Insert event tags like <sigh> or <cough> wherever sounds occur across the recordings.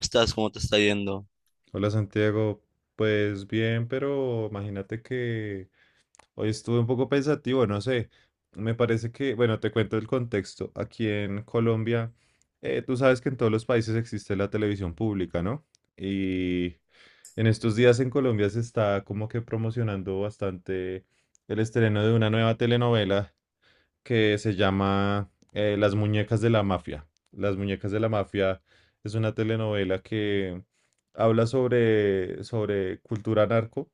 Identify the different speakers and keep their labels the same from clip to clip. Speaker 1: Estás? ¿Cómo te está yendo?
Speaker 2: Hola Santiago, pues bien, pero imagínate que hoy estuve un poco pensativo, no sé, me parece que, bueno, te cuento el contexto. Aquí en Colombia, tú sabes que en todos los países existe la televisión pública, ¿no? Y en estos días en Colombia se está como que promocionando bastante el estreno de una nueva telenovela que se llama Las muñecas de la mafia. Las muñecas de la mafia es una telenovela que habla sobre cultura narco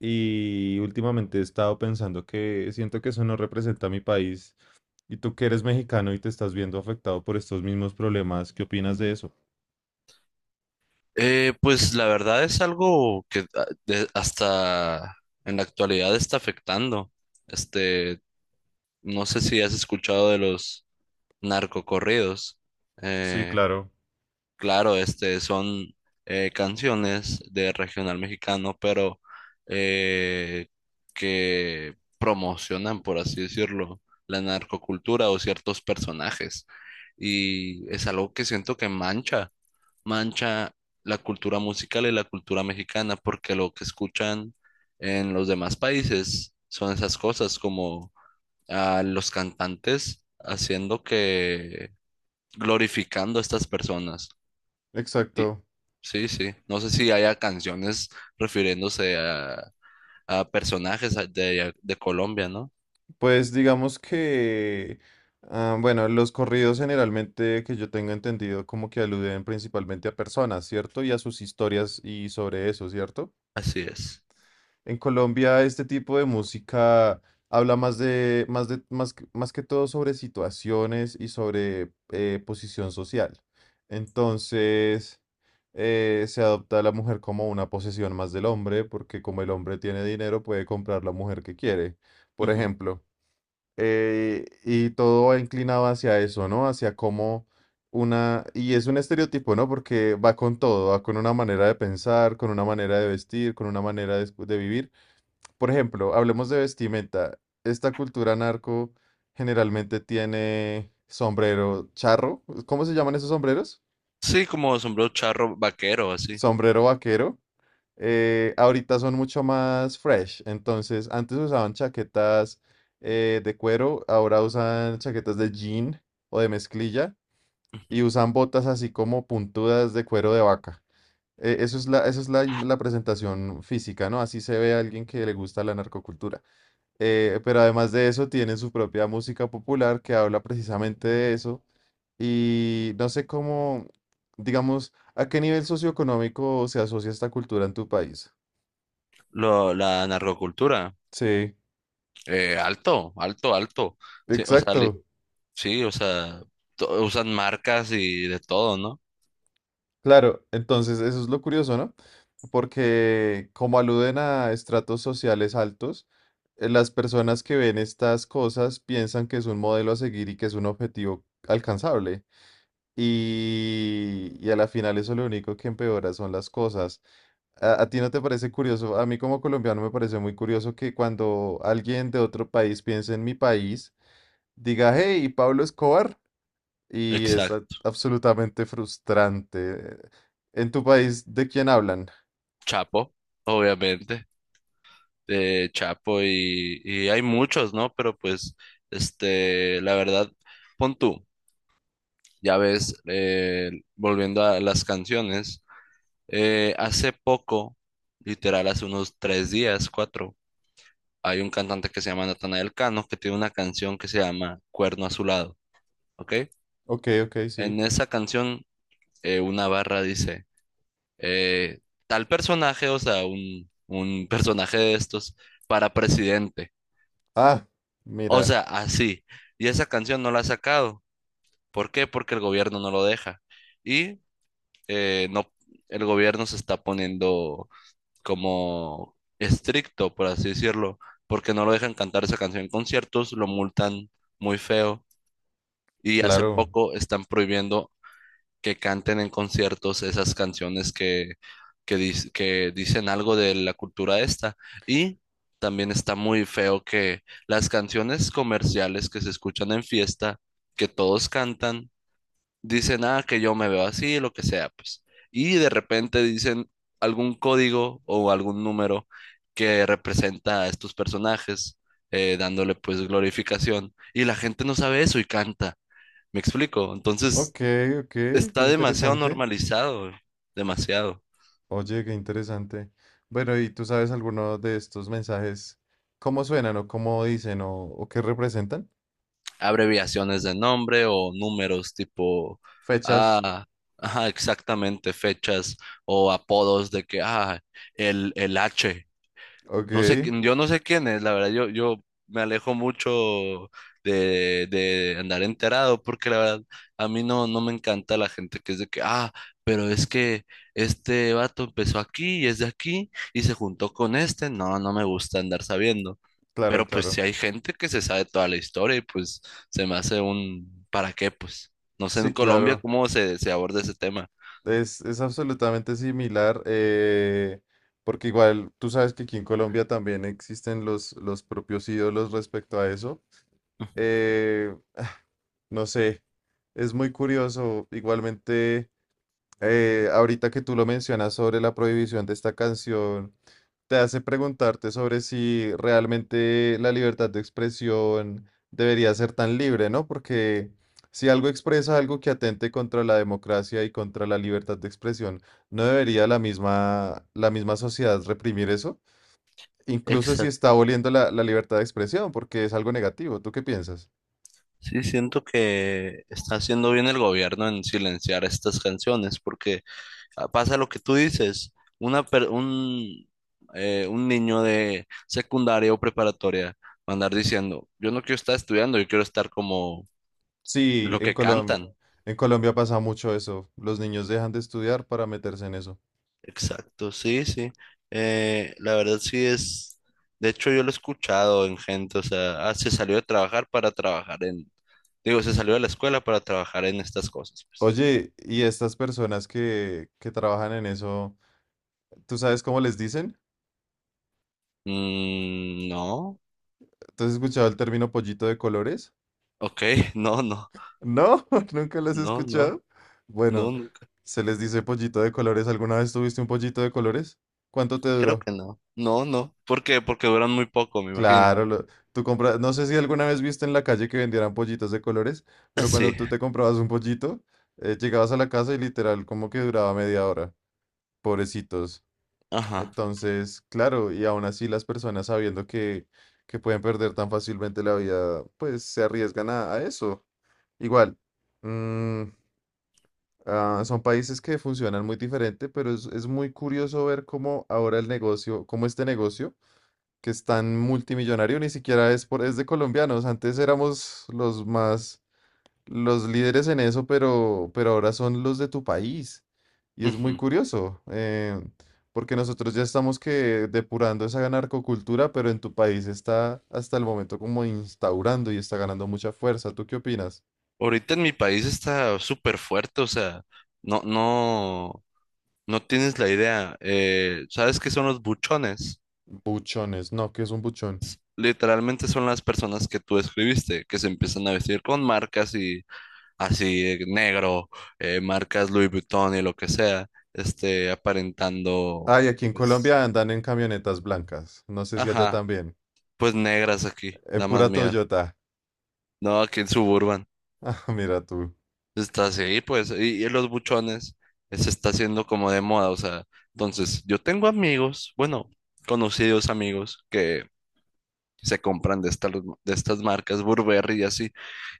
Speaker 2: y últimamente he estado pensando que siento que eso no representa a mi país y tú que eres mexicano y te estás viendo afectado por estos mismos problemas, ¿qué opinas de eso?
Speaker 1: Pues la verdad es algo que hasta en la actualidad está afectando. Este, no sé si has escuchado de los narcocorridos.
Speaker 2: Sí,
Speaker 1: Eh,
Speaker 2: claro.
Speaker 1: claro, son canciones de regional mexicano, pero eh, que promocionan, por así decirlo, la narcocultura o ciertos personajes. Y es algo que siento que mancha la cultura musical y la cultura mexicana, porque lo que escuchan en los demás países son esas cosas, como a los cantantes glorificando a estas personas. Y
Speaker 2: Exacto.
Speaker 1: sí, sí, no sé si haya canciones refiriéndose a personajes de Colombia, ¿no?
Speaker 2: Pues digamos que, ah, bueno, los corridos generalmente que yo tengo entendido como que aluden principalmente a personas, ¿cierto? Y a sus historias y sobre eso, ¿cierto?
Speaker 1: Así es.
Speaker 2: En Colombia este tipo de música habla más, más que todo sobre situaciones y sobre posición social. Entonces, se adopta a la mujer como una posesión más del hombre, porque como el hombre tiene dinero, puede comprar la mujer que quiere, por
Speaker 1: Ujú.
Speaker 2: ejemplo. Y todo va inclinado hacia eso, ¿no? Hacia cómo una... Y es un estereotipo, ¿no? Porque va con todo, va con una manera de pensar, con una manera de vestir, con una manera de, de vivir. Por ejemplo, hablemos de vestimenta. Esta cultura narco generalmente tiene sombrero charro. ¿Cómo se llaman esos sombreros?
Speaker 1: Sí, como sombrero charro vaquero, así.
Speaker 2: Sombrero vaquero. Ahorita son mucho más fresh. Entonces, antes usaban chaquetas de cuero, ahora usan chaquetas de jean o de mezclilla y usan botas así como puntudas de cuero de vaca. Eso es la, la presentación física, ¿no? Así se ve a alguien que le gusta la narcocultura. Pero además de eso, tienen su propia música popular que habla precisamente de eso. Y no sé cómo, digamos, a qué nivel socioeconómico se asocia esta cultura en tu país.
Speaker 1: La narcocultura.
Speaker 2: Sí.
Speaker 1: Alto, alto, alto. Sí, o sea, li-
Speaker 2: Exacto,
Speaker 1: Sí, o sea, to- usan marcas y de todo, ¿no?
Speaker 2: claro. Entonces, eso es lo curioso, ¿no? Porque como aluden a estratos sociales altos, las personas que ven estas cosas piensan que es un modelo a seguir y que es un objetivo alcanzable. Y a la final eso lo único que empeora son las cosas. ¿A ti no te parece curioso? A mí como colombiano me parece muy curioso que cuando alguien de otro país piense en mi país, diga, hey, Pablo Escobar. Y es
Speaker 1: Exacto.
Speaker 2: absolutamente frustrante. ¿En tu país de quién hablan?
Speaker 1: Chapo, obviamente, de Chapo y hay muchos, ¿no? Pero pues, la verdad, pon tú, ya ves, volviendo a las canciones, hace poco, literal, hace unos tres días, cuatro, hay un cantante que se llama Natanael Cano que tiene una canción que se llama Cuerno Azulado, ¿ok?
Speaker 2: Ok, ok, sí.
Speaker 1: En esa canción, una barra dice... eh, tal personaje, o sea, un personaje de estos para presidente.
Speaker 2: Ah,
Speaker 1: O
Speaker 2: mira,
Speaker 1: sea, así. Y esa canción no la ha sacado. ¿Por qué? Porque el gobierno no lo deja. Y no, el gobierno se está poniendo como estricto, por así decirlo, porque no lo dejan cantar esa canción en conciertos, lo multan muy feo. Y hace
Speaker 2: claro.
Speaker 1: poco están prohibiendo que canten en conciertos esas canciones que dicen algo de la cultura esta. Y también está muy feo que las canciones comerciales que se escuchan en fiesta, que todos cantan, dicen, ah, que yo me veo así, lo que sea, pues. Y de repente dicen algún código o algún número que representa a estos personajes, dándole pues glorificación. Y la gente no sabe eso y canta. ¿Me explico? Entonces
Speaker 2: Ok, ok, qué
Speaker 1: está demasiado
Speaker 2: interesante.
Speaker 1: normalizado, güey, demasiado.
Speaker 2: Oye, qué interesante. Bueno, ¿y tú sabes alguno de estos mensajes? ¿Cómo suenan o cómo dicen o qué representan?
Speaker 1: Abreviaciones de nombre o números tipo,
Speaker 2: Fechas.
Speaker 1: ah, ajá, exactamente, fechas o apodos de que, ah, el H.
Speaker 2: Ok,
Speaker 1: No sé, yo no sé quién es, la verdad, yo me alejo mucho de andar enterado, porque la verdad, a mí no, no me encanta la gente que es de que, ah, pero es que este vato empezó aquí y es de aquí y se juntó con este, no, no me gusta andar sabiendo,
Speaker 2: claro,
Speaker 1: pero pues si
Speaker 2: claro.
Speaker 1: hay gente que se sabe toda la historia y pues se me hace un, ¿para qué? Pues no sé
Speaker 2: Sí,
Speaker 1: en Colombia
Speaker 2: claro.
Speaker 1: cómo se aborda ese tema.
Speaker 2: Es absolutamente similar, porque igual tú sabes que aquí en Colombia también existen los propios ídolos respecto a eso. <sighs> Ah, no sé, es muy curioso. Igualmente, ahorita que tú lo mencionas sobre la prohibición de esta canción te hace preguntarte sobre si realmente la libertad de expresión debería ser tan libre, ¿no? Porque si algo expresa algo que atente contra la democracia y contra la libertad de expresión, ¿no debería la misma sociedad reprimir eso? Incluso si está aboliendo la libertad de expresión, porque es algo negativo. ¿Tú qué piensas?
Speaker 1: Sí, siento que está haciendo bien el gobierno en silenciar estas canciones, porque ah, pasa lo que tú dices, una per- un, un niño de secundaria o preparatoria va a andar diciendo, yo no quiero estar estudiando, yo quiero estar como
Speaker 2: Sí,
Speaker 1: lo que cantan.
Speaker 2: En Colombia pasa mucho eso. Los niños dejan de estudiar para meterse en eso.
Speaker 1: Exacto, sí, sí. La verdad sí es, de hecho yo lo he escuchado en gente, o sea, ah, se salió de trabajar para trabajar en, digo, se salió de la escuela para trabajar en estas cosas, pues.
Speaker 2: Oye, ¿y estas personas que trabajan en eso? ¿Tú sabes cómo les dicen?
Speaker 1: Mm, no.
Speaker 2: ¿Tú has escuchado el término pollito de colores?
Speaker 1: Ok, <laughs> no, no,
Speaker 2: No, <laughs> nunca lo has
Speaker 1: no, no,
Speaker 2: escuchado.
Speaker 1: no,
Speaker 2: Bueno,
Speaker 1: nunca.
Speaker 2: se les dice pollito de colores. ¿Alguna vez tuviste un pollito de colores? ¿Cuánto te
Speaker 1: Creo
Speaker 2: duró?
Speaker 1: que no. No, no. ¿Por qué? Porque duran muy poco, me imagino.
Speaker 2: Claro, tú compras, no sé si alguna vez viste en la calle que vendieran pollitos de colores,
Speaker 1: Ah,
Speaker 2: pero cuando
Speaker 1: sí,
Speaker 2: tú te comprabas un pollito, llegabas a la casa y literal como que duraba media hora. Pobrecitos.
Speaker 1: ajá.
Speaker 2: Entonces, claro, y aún así las personas sabiendo que pueden perder tan fácilmente la vida, pues se arriesgan a eso. Igual, mm, ah, son países que funcionan muy diferente, pero es muy curioso ver cómo ahora el negocio, cómo este negocio, que es tan multimillonario, ni siquiera es por, es de colombianos. Antes éramos los más, los líderes en eso, pero ahora son los de tu país. Y es muy
Speaker 1: Ujú.
Speaker 2: curioso, porque nosotros ya estamos que depurando esa narcocultura, pero en tu país está hasta el momento como instaurando y está ganando mucha fuerza. ¿Tú qué opinas?
Speaker 1: Ahorita en mi país está súper fuerte, o sea, no, no, no tienes la idea. ¿Sabes qué son los buchones?
Speaker 2: Buchones, no, ¿qué es un buchón?
Speaker 1: Literalmente son las personas que tú escribiste, que se empiezan a vestir con marcas y así, negro, marcas Louis Vuitton y lo que sea, aparentando,
Speaker 2: Ay, aquí en
Speaker 1: pues,
Speaker 2: Colombia andan en camionetas blancas. No sé si allá
Speaker 1: ajá.
Speaker 2: también.
Speaker 1: Pues negras aquí,
Speaker 2: En
Speaker 1: da más
Speaker 2: pura
Speaker 1: miedo.
Speaker 2: Toyota. <laughs>
Speaker 1: No, aquí en Suburban
Speaker 2: Ah, mira tú.
Speaker 1: está así, pues, y los buchones se está haciendo como de moda, o sea, entonces yo tengo amigos, bueno, conocidos amigos que se compran de estas marcas Burberry y así,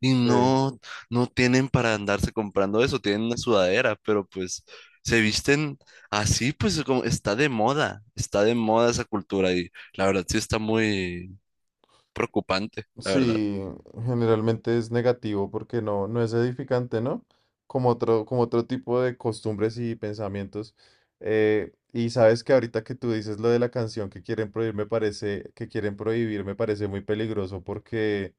Speaker 1: y
Speaker 2: Sí.
Speaker 1: no, no tienen para andarse comprando eso, tienen una sudadera, pero pues se visten así, pues como está de moda esa cultura y la verdad sí está muy preocupante, la verdad.
Speaker 2: Sí, generalmente es negativo porque no, no es edificante, ¿no? Como otro tipo de costumbres y pensamientos. Y sabes que ahorita que tú dices lo de la canción que quieren prohibir, me parece, que quieren prohibir, me parece muy peligroso porque,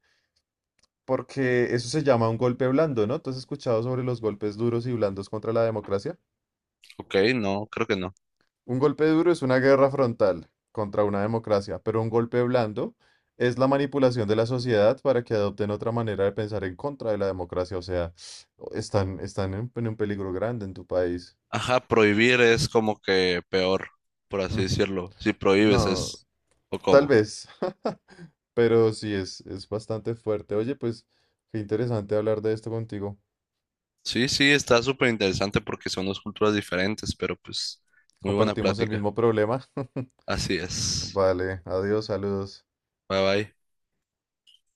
Speaker 2: porque eso se llama un golpe blando, ¿no? ¿Tú has escuchado sobre los golpes duros y blandos contra la democracia?
Speaker 1: Ok, no, creo que no.
Speaker 2: Un golpe duro es una guerra frontal contra una democracia, pero un golpe blando es la manipulación de la sociedad para que adopten otra manera de pensar en contra de la democracia. O sea, <sniffs> están, están en un peligro grande en tu país.
Speaker 1: Ajá, prohibir es como que peor, por
Speaker 2: Mm,
Speaker 1: así decirlo. Si prohíbes
Speaker 2: no,
Speaker 1: es, o
Speaker 2: tal
Speaker 1: cómo.
Speaker 2: vez, <laughs> pero sí es bastante fuerte. Oye, pues qué interesante hablar de esto contigo.
Speaker 1: Sí, sí, está súper interesante porque son dos culturas diferentes, pero pues muy buena
Speaker 2: Compartimos el
Speaker 1: plática.
Speaker 2: mismo problema. <laughs>
Speaker 1: Así es.
Speaker 2: Vale, adiós, saludos.
Speaker 1: Bye bye.